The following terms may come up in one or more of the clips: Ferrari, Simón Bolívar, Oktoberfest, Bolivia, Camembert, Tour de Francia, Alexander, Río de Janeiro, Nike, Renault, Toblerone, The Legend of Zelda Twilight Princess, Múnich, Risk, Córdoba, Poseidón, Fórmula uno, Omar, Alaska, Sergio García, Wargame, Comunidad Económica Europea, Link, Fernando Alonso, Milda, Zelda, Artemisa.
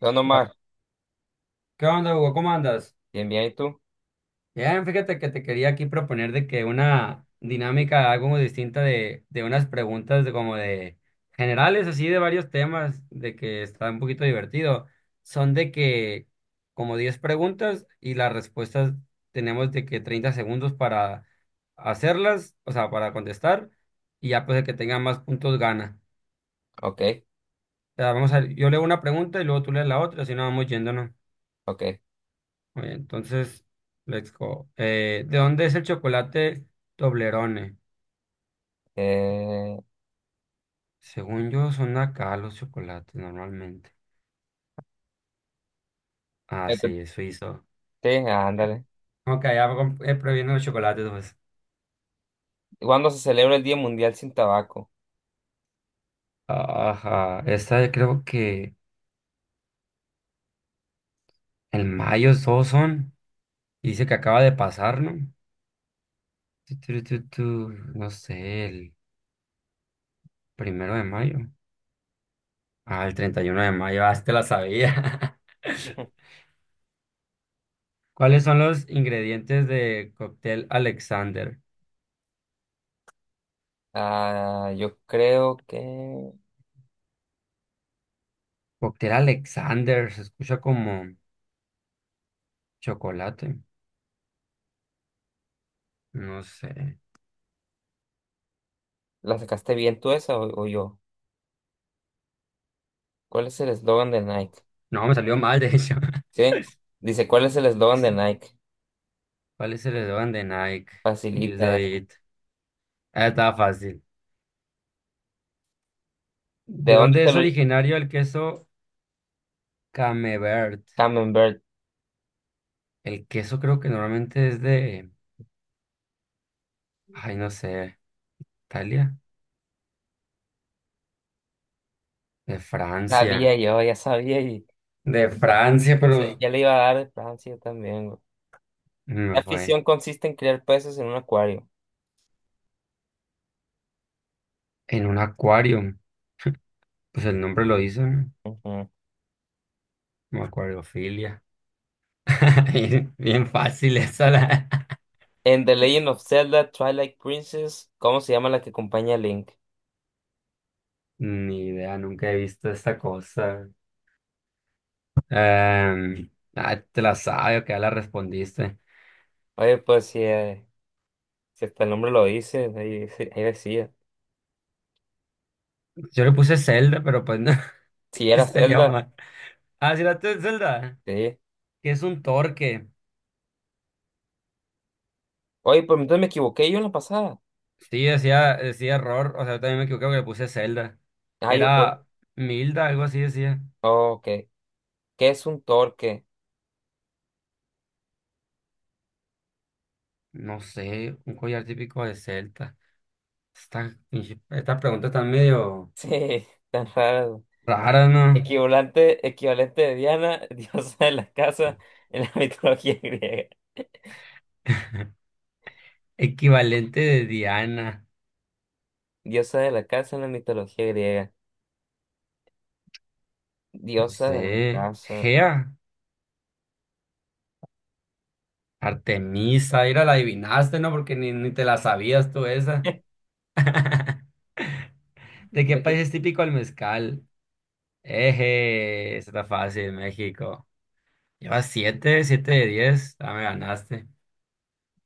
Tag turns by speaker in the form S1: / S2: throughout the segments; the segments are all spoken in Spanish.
S1: No, no más.
S2: ¿Qué onda, Hugo? ¿Cómo andas?
S1: Bien, bien, ¿y tú?
S2: Bien, fíjate que te quería aquí proponer de que una dinámica algo distinta de unas preguntas de como de generales, así de varios temas, de que está un poquito divertido. Son de que como 10 preguntas y las respuestas tenemos de que 30 segundos para hacerlas, o sea, para contestar, y ya pues el que tenga más puntos gana.
S1: Ok,
S2: O sea, vamos a, yo leo una pregunta y luego tú lees la otra, así no vamos yéndonos.
S1: ok.
S2: Muy bien, entonces, let's go. ¿De dónde es el chocolate Toblerone?
S1: Eh,
S2: Según yo, son de acá los chocolates normalmente. Ah,
S1: ya te-
S2: sí, es suizo.
S1: sí, ándale.
S2: Ok, prohibiendo los chocolates, pues.
S1: ¿Cuándo se celebra el Día Mundial sin Tabaco?
S2: Ajá, esta creo que el mayo todos son. Y dice que acaba de pasar, ¿no? Tu, tu, tu, tu, No sé, el 1 de mayo. Ah, el 31 de mayo, ah, sí te la sabía. ¿Cuáles son los ingredientes de cóctel Alexander?
S1: Ah, yo creo que
S2: Cóctel Alexander, se escucha como chocolate. No sé.
S1: la sacaste bien tú esa o yo. ¿Cuál es el eslogan de Nike?
S2: No, me salió mal, de hecho.
S1: Sí. Dice, ¿cuál es el eslogan de
S2: Sí,
S1: Nike?
S2: ¿cuál es el eslogan de Nike? You
S1: Facilita.
S2: do it. Ah, estaba fácil.
S1: ¿De
S2: ¿De
S1: dónde
S2: dónde
S1: te
S2: es
S1: lo...
S2: originario el queso Camembert?
S1: Camembert.
S2: El queso creo que normalmente es de, ay, no sé, Italia, de
S1: Sabía
S2: Francia,
S1: yo, ya sabía y
S2: de Francia, pero
S1: ya le iba a dar de Francia también, güey.
S2: me
S1: ¿Qué
S2: fue
S1: afición consiste en criar peces en un acuario?
S2: en un acuario. Pues el nombre lo hizo, ¿no?
S1: Ujú.
S2: Como acuariofilia. Bien, bien fácil esa la.
S1: En The Legend of Zelda Twilight Princess, ¿cómo se llama la que acompaña a Link?
S2: Ni idea, nunca he visto esta cosa. Te la sabes, que ya la respondiste.
S1: Oye, pues si, si hasta el nombre lo dice, ahí, ahí decía.
S2: Yo le puse Zelda, pero pues no,
S1: Si
S2: te
S1: era
S2: salió
S1: Zelda,
S2: mal. Ah, sí, la tuya es Zelda,
S1: sí.
S2: que es un torque.
S1: Oye, pues entonces me equivoqué yo en la pasada.
S2: Sí, decía, decía error, o sea, yo también me equivoqué porque le puse Zelda.
S1: Ah, yo por...
S2: Era Milda, algo así decía.
S1: Oh, ok. ¿Qué es un torque?
S2: No sé, un collar típico de Celta. Esta, Estas preguntas están medio
S1: Sí, tan raro.
S2: raras, ¿no?
S1: Equivalente de Diana, diosa de la casa en la mitología griega.
S2: Equivalente de Diana.
S1: Diosa de la casa en la mitología griega.
S2: No
S1: Diosa de la
S2: sé,
S1: casa.
S2: Gea. Artemisa, ¿era la adivinaste, ¿no? Porque ni te la sabías tú esa. ¿De qué
S1: ¿De
S2: país
S1: qué?
S2: es típico el mezcal? Eje, esa está fácil, México. Llevas 7, 7 de 10. Ah, me ganaste.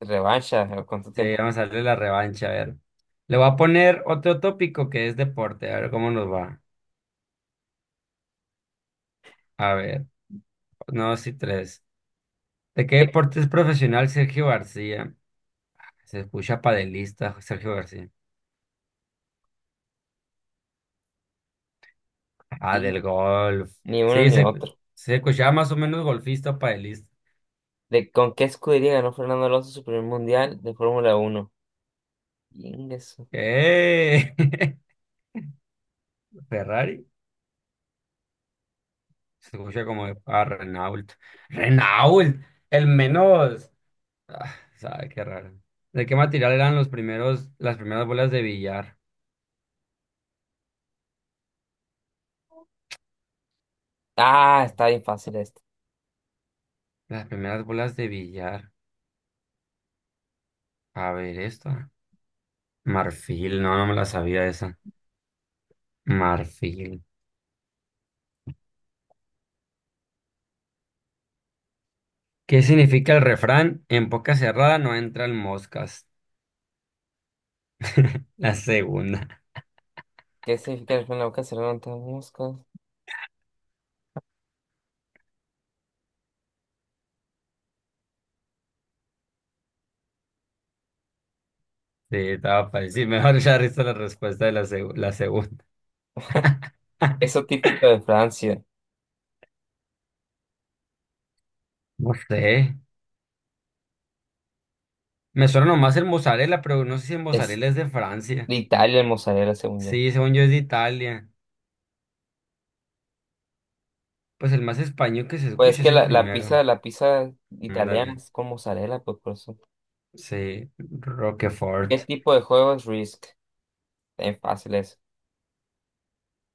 S1: Revancha, ¿cuánto
S2: Sí,
S1: tiempo?
S2: vamos a darle la revancha, a ver. Le voy a poner otro tópico que es deporte, a ver cómo nos va. A ver, no, sí, tres. ¿De qué deporte es profesional Sergio García? Se escucha padelista, Sergio García. Ah, del golf.
S1: Ni uno
S2: Sí,
S1: ni
S2: se,
S1: otro.
S2: se escuchaba más o menos golfista, paelista.
S1: ¿De con qué escudería ganó Fernando Alonso su primer mundial de Fórmula uno? Ingreso.
S2: ¡Eh! Ferrari. Se escucha como de- ah, Renault. Renault, el menos. Ah, sabe qué raro. ¿De qué material eran los primeros, las primeras bolas de billar?
S1: Ah, está bien fácil esto.
S2: Las primeras bolas de billar. A ver, esta. Marfil, no, no me la sabía esa. Marfil. ¿Qué significa el refrán? En boca cerrada no entran moscas. La segunda.
S1: ¿Qué significa el en la boca cerrada ante las moscas?
S2: Sí, estaba fácil. Sí, mejor ya diste la respuesta de la, la segunda.
S1: Eso típico de Francia.
S2: No sé. Me suena nomás el mozzarella, pero no sé si el
S1: Es
S2: mozzarella es de Francia.
S1: de Italia el mozzarella, según yo.
S2: Sí, según yo es de Italia. Pues el más español que se
S1: Pues es
S2: escucha
S1: que
S2: es el
S1: la, la pizza,
S2: primero.
S1: la pizza italiana
S2: Dale.
S1: es con mozzarella, pues por eso.
S2: Sí,
S1: ¿Qué
S2: Roquefort.
S1: tipo de juego es Risk? Bien fácil eso.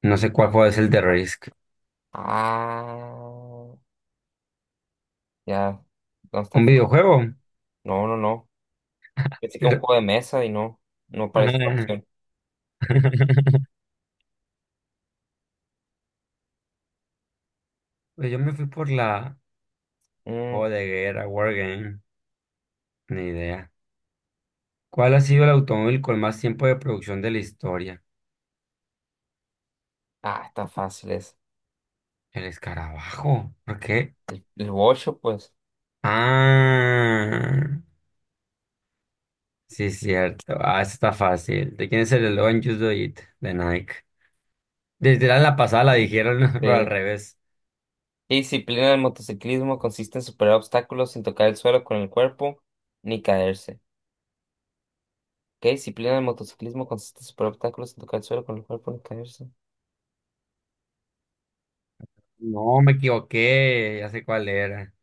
S2: No sé cuál juego es el de Risk.
S1: Ah, ya. No está.
S2: ¿Un videojuego?
S1: No, no, no. Pensé que un
S2: Pero-
S1: juego de mesa y no. No parece una
S2: ah.
S1: opción.
S2: Pues yo me fui por la
S1: Mm,
S2: juego de guerra, Wargame. Ni idea. ¿Cuál ha sido el automóvil con más tiempo de producción de la historia?
S1: Ah, está fácil es.
S2: El escarabajo. ¿Por qué?
S1: El Wosho, pues.
S2: Ah, sí, cierto. Ah, esta está fácil. ¿De quién es el eslogan Just Do It? De Nike. Desde la pasada la dijeron, pero al
S1: Eh,
S2: revés.
S1: ¿Qué disciplina del motociclismo consiste en superar obstáculos sin tocar el suelo con el cuerpo ni caerse? ¿Qué disciplina del motociclismo consiste en superar obstáculos sin tocar el suelo con el cuerpo ni caerse?
S2: No, me equivoqué. Ya sé cuál era.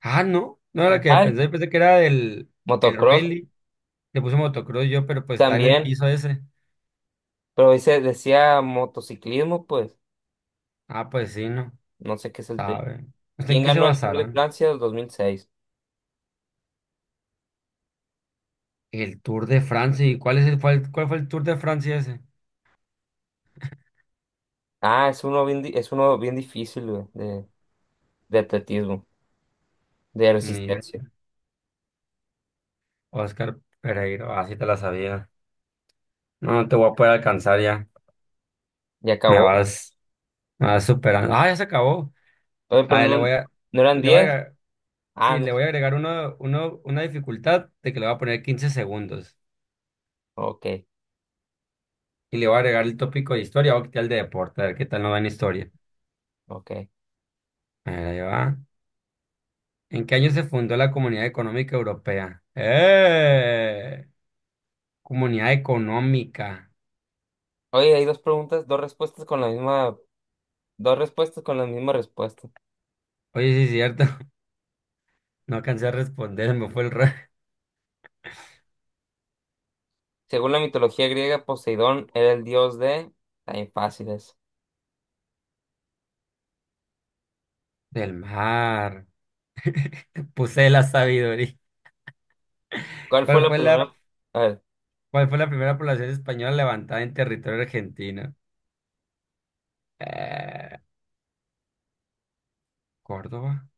S2: Ah, no. No era la que
S1: Ay,
S2: pensé. Pensé que era del el
S1: motocross
S2: Rally. Le puse motocross yo, pero pues está en el
S1: también,
S2: piso ese.
S1: pero dice, decía motociclismo, pues.
S2: Ah, pues sí, no.
S1: No sé qué es el tema.
S2: Sabe. No sé en
S1: ¿Quién
S2: qué se
S1: ganó el Tour de
S2: basarán.
S1: Francia del 2006?
S2: El Tour de Francia. ¿Y cuál es el, cuál, cuál fue el Tour de Francia ese?
S1: Ah, es uno bien difícil, güey, de atletismo, de
S2: Ni idea.
S1: resistencia.
S2: Oscar Pereiro, así te la sabía. No, no te voy a poder alcanzar ya.
S1: Y
S2: Me
S1: acabó.
S2: vas, me vas superando. Ah, ya se acabó.
S1: Oye,
S2: A
S1: pero
S2: ver,
S1: no, no eran
S2: le voy
S1: 10.
S2: a,
S1: Ah,
S2: sí,
S1: no.
S2: le voy a agregar una dificultad de que le voy a poner 15 segundos.
S1: Ok,
S2: Y le voy a agregar el tópico de historia o quitar el de deporte, a ver qué tal nos va en historia.
S1: ok.
S2: A ver, ahí va. ¿En qué año se fundó la Comunidad Económica Europea? ¡Eh! Comunidad Económica.
S1: Oye, hay dos respuestas con la misma respuesta.
S2: Oye, sí es cierto. No alcancé a responder, me fue el rey
S1: Según la mitología griega, Poseidón era el dios de... También fáciles.
S2: del mar. Puse la sabiduría.
S1: ¿Cuál fue
S2: ¿Cuál
S1: la
S2: fue la,
S1: primera? A ver,
S2: ¿Cuál fue la primera población española levantada en territorio argentino? Eh, ¿Córdoba?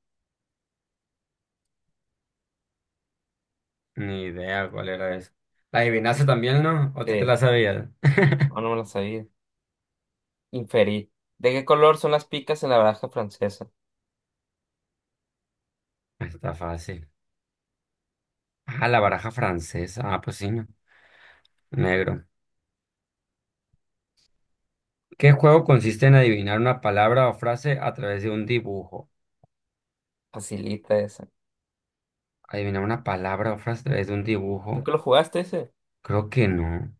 S2: Ni idea cuál era eso. ¿La adivinaste también, no? ¿O tú te
S1: sí,
S2: la sabías?
S1: no, no me la sabía. Inferí. ¿De qué color son las picas en la baraja francesa?
S2: Está fácil. Ah, la baraja francesa. Ah, pues sí, no. Negro. ¿Qué juego consiste en adivinar una palabra o frase a través de un dibujo?
S1: Facilita esa.
S2: ¿Adivinar una palabra o frase a través de un dibujo?
S1: ¿Nunca lo jugaste ese?
S2: Creo que no.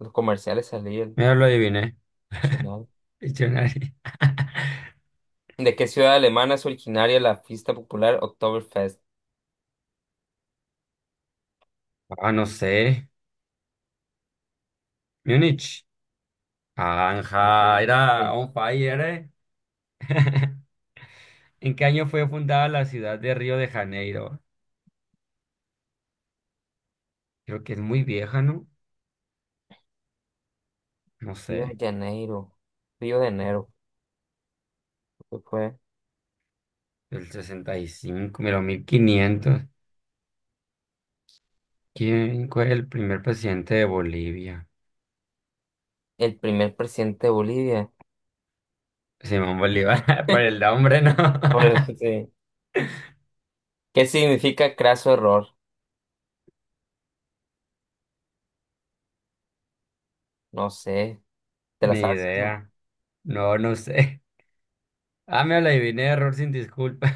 S1: Los comerciales salían.
S2: Mira, lo adiviné.
S1: Chingado.
S2: Diccionario.
S1: ¿De qué ciudad alemana es originaria la fiesta popular Oktoberfest?
S2: Ah, no sé. Múnich. Anja,
S1: Sí,
S2: era
S1: sí.
S2: on fire, ¿eh? ¿En qué año fue fundada la ciudad de Río de Janeiro? Creo que es muy vieja, ¿no? No sé,
S1: Río de Janeiro. Río de Enero, creo fue.
S2: del 65, mira, 1500. ¿Quién fue el primer presidente de Bolivia?
S1: El primer presidente de Bolivia.
S2: Simón Bolívar, por el nombre, ¿no?
S1: Bueno, sí. ¿Qué significa craso error? No sé. ¿Te la
S2: Ni
S1: sabes eso?
S2: idea. No, no sé. Ah, me la adiviné, error sin disculpa.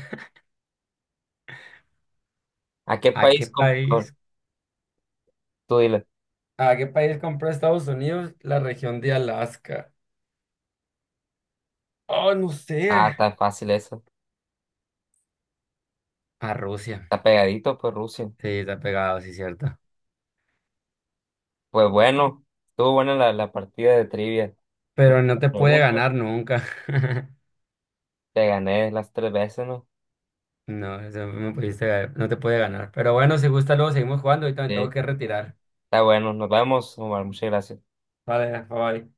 S1: ¿A qué
S2: ¿A qué
S1: país complicó?
S2: país?
S1: Tú dile.
S2: ¿A qué país compró Estados Unidos la región de Alaska? Oh, no
S1: Ah,
S2: sé.
S1: tan fácil eso.
S2: A Rusia.
S1: Está pegadito, pues Rusia.
S2: Sí, está pegado, sí, cierto.
S1: Pues bueno, estuvo buena la partida de trivia. Tú
S2: Pero no te
S1: me
S2: puede
S1: preguntas,
S2: ganar nunca.
S1: te gané las tres veces, ¿no?
S2: No, eso no me pudiste, no te puede ganar. Pero bueno, si gusta, luego seguimos jugando. Ahorita me tengo
S1: Sí.
S2: que retirar.
S1: Está bueno, nos vemos, Omar. Muchas gracias.
S2: Vale, bye.